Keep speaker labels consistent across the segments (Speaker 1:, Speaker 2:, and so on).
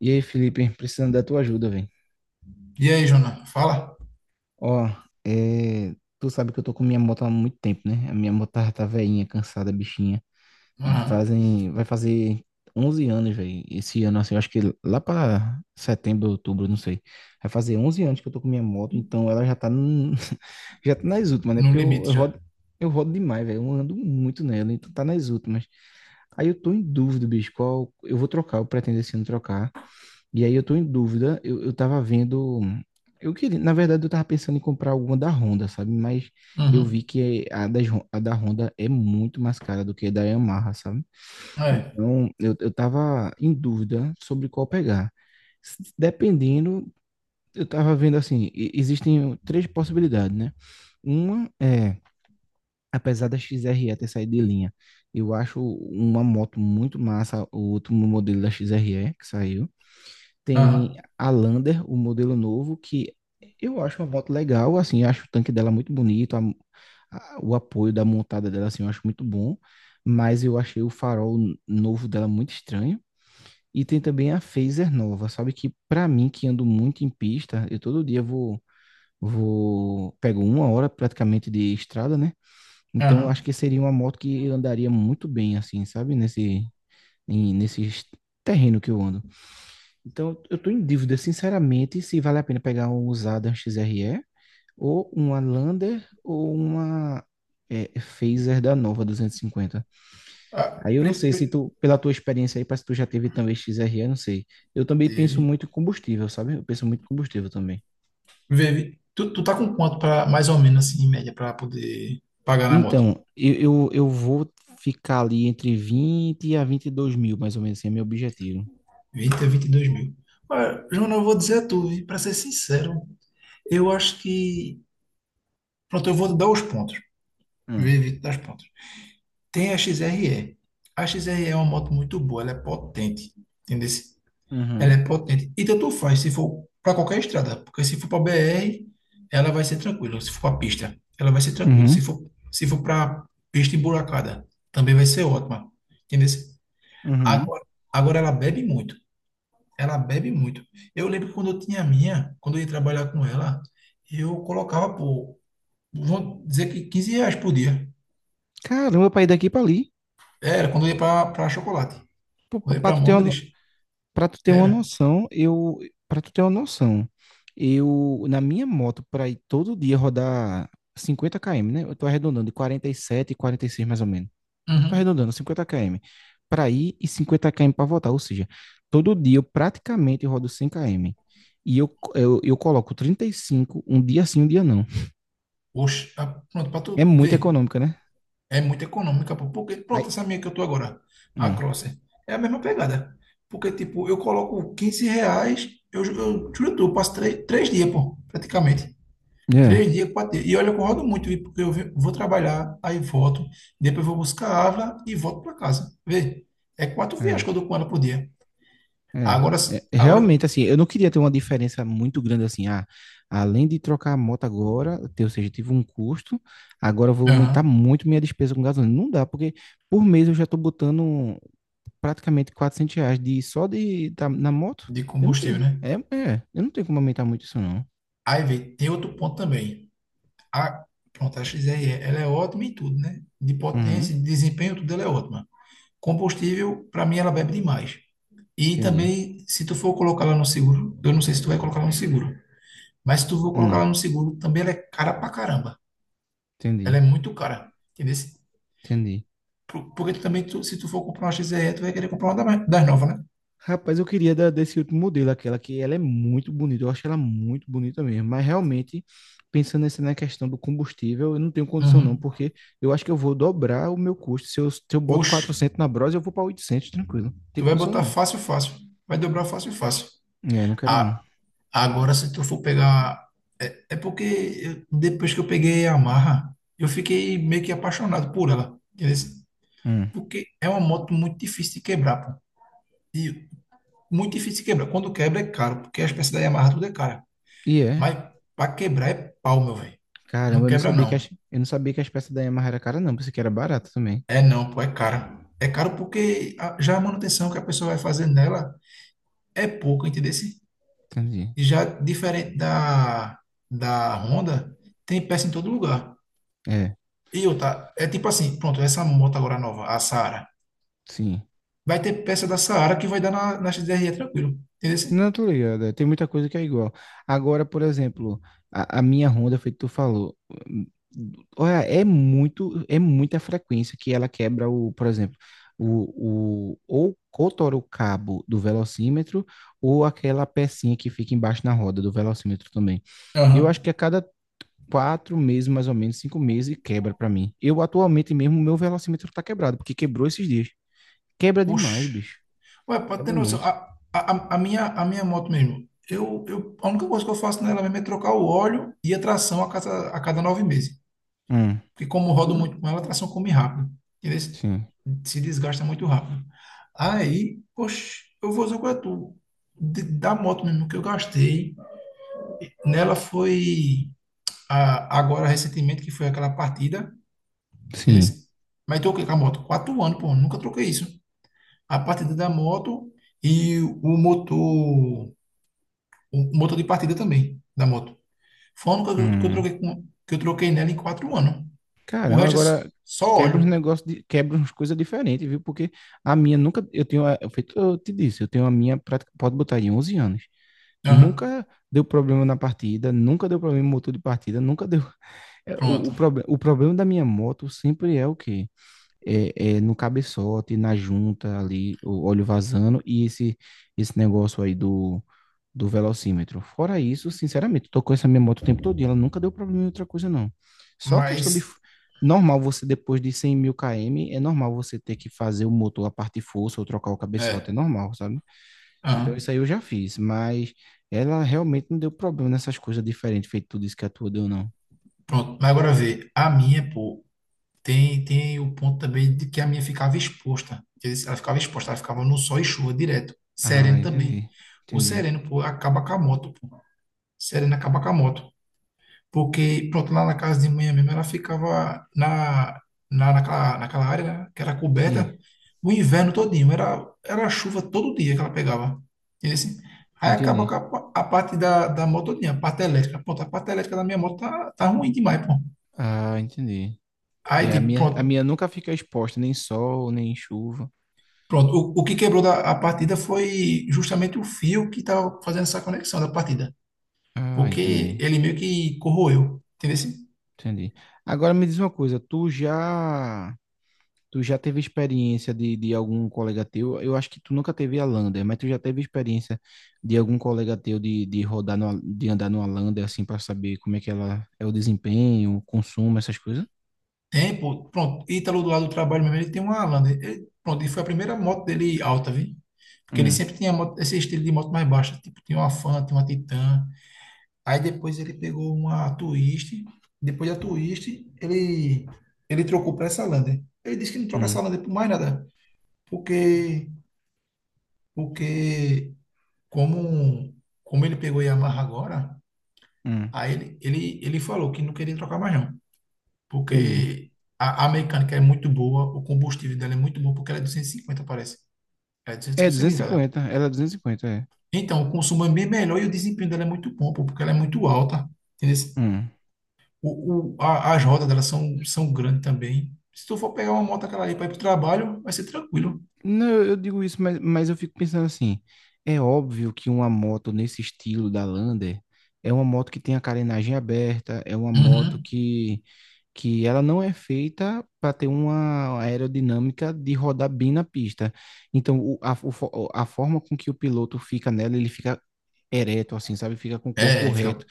Speaker 1: E aí, Felipe, precisando da tua ajuda, velho.
Speaker 2: E aí, Jona? Fala?
Speaker 1: Ó, tu sabe que eu tô com minha moto há muito tempo, né? A minha moto tá velhinha, cansada, bichinha.
Speaker 2: Aham.
Speaker 1: Fazem, vai fazer 11 anos, velho. Esse ano, assim, eu acho que lá pra setembro, outubro, não sei. Vai fazer 11 anos que eu tô com minha moto, então ela já tá, já tá nas últimas, né?
Speaker 2: No
Speaker 1: Porque eu,
Speaker 2: limite
Speaker 1: eu
Speaker 2: já.
Speaker 1: rodo, eu rodo demais, velho. Eu ando muito nela, então tá nas últimas. Aí eu tô em dúvida, bicho, qual eu vou trocar, eu pretendo esse ano trocar. E aí eu tô em dúvida, eu tava vendo. Eu queria, na verdade, eu tava pensando em comprar alguma da Honda, sabe? Mas eu vi
Speaker 2: Uhum.
Speaker 1: que a da Honda é muito mais cara do que a da Yamaha, sabe?
Speaker 2: É.
Speaker 1: Então eu tava em dúvida sobre qual pegar. Dependendo, eu tava vendo assim, existem três possibilidades, né? Uma é, apesar da X XRE ter saído de linha, eu acho uma moto muito massa, o último modelo da X XRE que saiu. Tem
Speaker 2: Aham.
Speaker 1: a Lander, o modelo novo, que eu acho uma moto legal, assim, eu acho o tanque dela muito bonito, o apoio da montada dela, assim, eu acho muito bom, mas eu achei o farol novo dela muito estranho. E tem também a Fazer nova, sabe que pra mim, que ando muito em pista, eu todo dia vou, vou, pego uma hora praticamente de estrada, né? Então eu acho
Speaker 2: Aham.
Speaker 1: que seria uma moto que eu andaria muito bem, assim, sabe? Nesse terreno que eu ando. Então, eu tô em dúvida, sinceramente, se vale a pena pegar um usado um XRE, ou uma Lander, ou uma Phaser da Nova 250.
Speaker 2: Ah,
Speaker 1: Aí eu não sei se tu, pela tua experiência aí, parece que tu já teve também XRE, não sei. Eu também penso
Speaker 2: teve.
Speaker 1: muito em combustível, sabe? Eu penso muito em combustível também.
Speaker 2: Vive. Tu tá com quanto para mais ou menos assim, em média, para poder pagar na moto?
Speaker 1: Então, eu vou ficar ali entre 20 a 22 mil, mais ou menos, assim, é meu objetivo.
Speaker 2: 20 a 22 mil. Olha, Jona, eu vou dizer a tu, para ser sincero, eu acho que. Pronto, eu vou dar os pontos.
Speaker 1: Hum.
Speaker 2: Vive, dar os pontos. Tem a XRE. A XRE é uma moto muito boa, ela é potente. Entendeu? Ela
Speaker 1: Uhum.
Speaker 2: é potente. E tanto faz se for para qualquer estrada, porque se for para BR, ela vai ser tranquila. Se for para pista, ela vai ser tranquila.
Speaker 1: Uhum.
Speaker 2: Se for para pista emburacada, também vai ser ótima. Entendeu?
Speaker 1: Uhum.
Speaker 2: Agora, agora ela bebe muito. Ela bebe muito. Eu lembro que quando eu tinha a minha, quando eu ia trabalhar com ela, eu colocava por, vamos dizer que R$ 15 por dia.
Speaker 1: Caramba, pra ir daqui pra ali.
Speaker 2: Era quando eu ia para chocolate.
Speaker 1: Pra,
Speaker 2: Quando eu ia
Speaker 1: pra
Speaker 2: para
Speaker 1: tu ter uma,
Speaker 2: Mondres,
Speaker 1: Para tu ter uma
Speaker 2: era.
Speaker 1: noção, para tu ter uma noção, eu na minha moto para ir todo dia rodar 50 km, né? Eu tô arredondando de 47 e 46 mais ou menos. Tô
Speaker 2: Uhum.
Speaker 1: arredondando 50 km para ir e 50 km para voltar, ou seja, todo dia eu praticamente rodo 100 km. E eu coloco 35 um dia sim, um dia não.
Speaker 2: Oxe, ah, pronto, para tu
Speaker 1: É muito
Speaker 2: ver.
Speaker 1: econômica, né?
Speaker 2: É muito econômica, pô. Porque,
Speaker 1: Aí,
Speaker 2: pronto, essa minha que eu tô agora, a
Speaker 1: hum,
Speaker 2: Crosser, é a mesma pegada. Porque, tipo, eu coloco R$ 15, eu juro, tu, eu passo três dias, pô, praticamente.
Speaker 1: é,
Speaker 2: Três dias, quatro dias. E olha, que eu rodo muito, viu? Porque eu vou trabalhar, aí volto, depois vou buscar a Ávila e volto para casa. Vê? É quatro viagens que
Speaker 1: é.
Speaker 2: eu dou com ela por dia.
Speaker 1: é.
Speaker 2: Agora, s-
Speaker 1: É,
Speaker 2: agora,
Speaker 1: realmente assim, eu não queria ter uma diferença muito grande assim, além de trocar a moto agora, ou seja, tive um custo, agora eu vou aumentar
Speaker 2: aham,
Speaker 1: muito minha despesa com gasolina. Não dá, porque por mês eu já tô botando praticamente 400 reais de, só de, da- na moto.
Speaker 2: de
Speaker 1: Eu não
Speaker 2: combustível,
Speaker 1: tenho,
Speaker 2: né?
Speaker 1: eu não tenho como aumentar muito isso não.
Speaker 2: Aí, vê, tem outro ponto também. A, pronto, a XRE, ela é ótima em tudo, né? De
Speaker 1: Uhum,
Speaker 2: potência, de desempenho, tudo ela é ótima. Combustível, para mim, ela bebe demais. E
Speaker 1: entendi.
Speaker 2: também, se tu for colocar lá no seguro, eu não sei se tu vai colocar lá no seguro, mas se tu for colocar
Speaker 1: Hum,
Speaker 2: lá no seguro, também ela é cara pra caramba. Ela é
Speaker 1: entendi,
Speaker 2: muito cara, entendeu?
Speaker 1: entendi.
Speaker 2: Porque tu também, tu, se tu for comprar uma XRE, tu vai querer comprar uma das novas, né?
Speaker 1: Rapaz, eu queria da, desse último modelo, aquela que ela é muito bonita, eu acho ela muito bonita mesmo, mas realmente, pensando nessa na questão do combustível, eu não tenho condição não,
Speaker 2: Uhum.
Speaker 1: porque eu acho que eu vou dobrar o meu custo, se eu boto
Speaker 2: Oxe,
Speaker 1: 400 na Bros, eu vou para 800 tranquilo, não tem
Speaker 2: tu vai
Speaker 1: condição
Speaker 2: botar
Speaker 1: não.
Speaker 2: fácil, fácil. Vai dobrar fácil, fácil.
Speaker 1: É, não quero não.
Speaker 2: A- Agora, se tu for pegar... É, porque depois que eu peguei a Yamaha, eu fiquei meio que apaixonado por ela, entendeu?
Speaker 1: Hum.
Speaker 2: Porque é uma moto muito difícil de quebrar, e muito difícil de quebrar. Quando quebra é caro, porque as peças da Yamaha tudo é cara.
Speaker 1: E é,
Speaker 2: Mas para quebrar é pau, meu velho.
Speaker 1: caramba,
Speaker 2: Não
Speaker 1: eu não
Speaker 2: quebra
Speaker 1: sabia que
Speaker 2: não.
Speaker 1: as, eu não sabia que as peças da Yamaha era cara não, pensei que era barata também.
Speaker 2: É não, pô, é caro. É caro porque já a manutenção que a pessoa vai fazer nela é pouca, entendeu?
Speaker 1: Entendi.
Speaker 2: E já diferente da Honda, tem peça em todo lugar.
Speaker 1: É,
Speaker 2: E outra, é tipo assim, pronto, essa moto agora nova, a Saara,
Speaker 1: sim.
Speaker 2: vai ter peça da Saara que vai dar na XDR tranquilo, entendeu?
Speaker 1: Não, tô ligado. Tem muita coisa que é igual. Agora, por exemplo, a minha Honda, foi que tu falou. Hum. Olha, é muito, é muita frequência que ela quebra o, por exemplo, o, o, ou, ou o cabo do velocímetro, ou aquela pecinha que fica embaixo na roda do velocímetro também. Eu acho
Speaker 2: Aham.
Speaker 1: que a cada quatro meses, mais ou menos, cinco meses, quebra pra mim. Eu atualmente mesmo, meu velocímetro tá quebrado, porque quebrou esses dias. Quebra demais,
Speaker 2: Oxe.
Speaker 1: bicho.
Speaker 2: Ué, pode ter
Speaker 1: Quebra
Speaker 2: noção.
Speaker 1: muito.
Speaker 2: A minha moto mesmo, eu, a única coisa que eu faço nela mesmo é trocar o óleo e a tração a cada 9 meses.
Speaker 1: Hum,
Speaker 2: Porque como eu rodo muito com ela, a tração come rápido. Entendeu?
Speaker 1: sim.
Speaker 2: Se desgasta muito rápido. Aí, oxe, eu vou dizer qual é tu. Da moto mesmo que eu gastei, nela foi agora recentemente, que foi aquela partida. Entendeu?
Speaker 1: Sim.
Speaker 2: Mas troquei com a moto. 4 anos, pô, nunca troquei isso. A partida da moto e o motor. O motor de partida também, da moto. Foi a única
Speaker 1: Hum.
Speaker 2: que eu troquei nela em 4 anos. O
Speaker 1: Caramba,
Speaker 2: resto é s-
Speaker 1: agora
Speaker 2: só
Speaker 1: quebra uns
Speaker 2: óleo.
Speaker 1: negócios, quebra uns coisas diferentes, viu? Porque a minha nunca, eu tenho, eu feito, eu te disse, eu tenho a minha, prática, pode botar aí, 11 anos.
Speaker 2: Aham,
Speaker 1: Nunca deu problema na partida, nunca deu problema no motor de partida, nunca deu. O,
Speaker 2: pronto.
Speaker 1: o problema da minha moto sempre é o quê? É, é no cabeçote, na junta ali, o óleo vazando e esse negócio aí do velocímetro. Fora isso, sinceramente, tô com essa minha moto o tempo todo e ela nunca deu problema em outra coisa, não. Só a questão de...
Speaker 2: Mas,
Speaker 1: Normal você, depois de 100 mil km, é normal você ter que fazer o motor, a parte de força, ou trocar o cabeçote, é
Speaker 2: é,
Speaker 1: normal, sabe? Então isso
Speaker 2: aham,
Speaker 1: aí eu já fiz, mas ela realmente não deu problema nessas coisas diferentes, feito tudo isso que a tua deu, não.
Speaker 2: pronto. Mas agora vê, a minha, pô, tem o ponto também de que a minha ficava exposta. Quer dizer, ela ficava exposta, ela ficava no sol e chuva direto.
Speaker 1: Ah,
Speaker 2: Sereno também.
Speaker 1: entendi.
Speaker 2: O
Speaker 1: Entendi.
Speaker 2: sereno, pô, acaba com a moto, pô. Sereno acaba com a moto. Porque, pronto, lá na casa de manhã mesmo, ela ficava naquela área, né, que era
Speaker 1: Sim,
Speaker 2: coberta, o inverno todinho. Era chuva todo dia que ela pegava. Entendeu? Assim? Aí acaba
Speaker 1: entendi.
Speaker 2: com a parte da moto todinha, a parte elétrica. Pronto, a parte elétrica da minha moto tá ruim demais, pô.
Speaker 1: Ah, entendi.
Speaker 2: Aí,
Speaker 1: É,
Speaker 2: tipo,
Speaker 1: a
Speaker 2: pronto.
Speaker 1: minha nunca fica exposta, nem sol, nem chuva.
Speaker 2: Pronto, o que quebrou da, a partida foi justamente o fio que estava fazendo essa conexão da partida,
Speaker 1: Ah,
Speaker 2: porque
Speaker 1: entendi.
Speaker 2: ele meio que corroeu, entendeu? Assim?
Speaker 1: Entendi. Agora me diz uma coisa, tu já teve experiência de algum colega teu? Eu acho que tu nunca teve a Lander, mas tu já teve experiência de algum colega teu de rodar no, de andar numa Lander assim para saber como é que ela é o desempenho, o consumo, essas coisas?
Speaker 2: Tem, pô, pronto. Ítalo do lado do trabalho mesmo, ele tem uma Lander. Ele, pronto, e foi a primeira moto dele alta, viu? Porque ele
Speaker 1: Hum,
Speaker 2: sempre tinha esse estilo de moto mais baixa. Tipo, tinha uma Fanta tinha uma Titan. Aí depois ele pegou uma Twist. Depois da Twist, ele, ele trocou para essa Lander. Ele disse que não troca
Speaker 1: hum,
Speaker 2: essa Lander por mais nada. Porque, porque como, como ele pegou Yamaha agora,
Speaker 1: hum.
Speaker 2: aí ele falou que não queria trocar mais não.
Speaker 1: Entendi.
Speaker 2: Porque a mecânica é muito boa, o combustível dela é muito bom, porque ela é 250 parece. É
Speaker 1: É
Speaker 2: 250
Speaker 1: duzentos e
Speaker 2: cilindros, né?
Speaker 1: cinquenta. Ela é 250 é.
Speaker 2: Então, o consumo é bem melhor e o desempenho dela é muito bom, pô, porque ela é muito alta. Entendeu?
Speaker 1: Hum.
Speaker 2: As rodas dela são grandes também. Se tu for pegar uma moto aquela ali para ir pro trabalho, vai ser tranquilo.
Speaker 1: Não, eu digo isso, mas eu fico pensando assim, é óbvio que uma moto nesse estilo da Lander é uma moto que tem a carenagem aberta, é uma moto
Speaker 2: Uhum.
Speaker 1: que ela não é feita para ter uma aerodinâmica de rodar bem na pista. Então, a forma com que o piloto fica nela, ele fica ereto, assim, sabe? Fica com o corpo
Speaker 2: É,
Speaker 1: reto.
Speaker 2: fica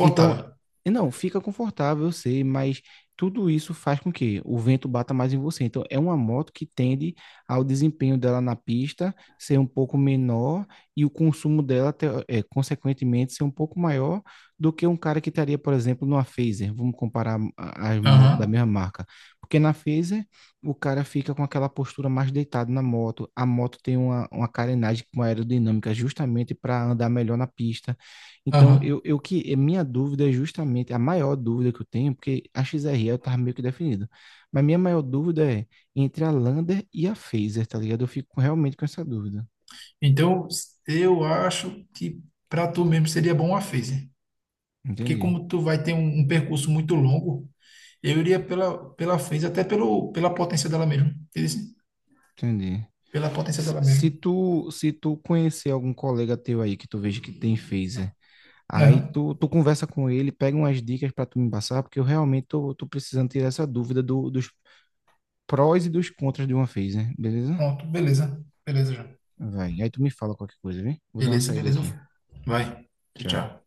Speaker 1: Então, não, fica confortável, eu sei, mas tudo isso faz com que o vento bata mais em você. Então, é uma moto que tende ao desempenho dela na pista ser um pouco menor e o consumo dela, consequentemente, ser um pouco maior do que um cara que estaria, por exemplo, numa Fazer. Vamos comparar as motos da
Speaker 2: Aham,
Speaker 1: mesma marca. Porque na Fazer, o cara fica com aquela postura mais deitado na moto. A moto tem uma carenagem com aerodinâmica justamente para andar melhor na pista. Então,
Speaker 2: aham.
Speaker 1: eu que a minha dúvida é justamente a maior dúvida que eu tenho, porque a X XRE eu tava meio que definido. Mas minha maior dúvida é entre a Lander e a Phaser, tá ligado? Eu fico realmente com essa dúvida.
Speaker 2: Então, eu acho que para tu mesmo seria bom a Fazer. Porque
Speaker 1: Entendi,
Speaker 2: como tu vai ter um percurso muito longo, eu iria pela Fez, até pelo, pela potência dela mesmo. Entendeu?
Speaker 1: entendi.
Speaker 2: Pela potência dela mesmo.
Speaker 1: Se tu conhecer algum colega teu aí que tu veja que tem Phaser,
Speaker 2: Aham.
Speaker 1: tu conversa com ele, pega umas dicas para tu me passar, porque eu realmente tô, tô precisando tirar essa dúvida dos prós e dos contras de uma Phaser, beleza?
Speaker 2: Pronto, beleza. Beleza já.
Speaker 1: Vai. Aí tu me fala qualquer coisa, viu? Vou dar uma
Speaker 2: Beleza,
Speaker 1: saída
Speaker 2: beleza.
Speaker 1: aqui.
Speaker 2: Vai. Tchau.
Speaker 1: Tchau.
Speaker 2: Tchau.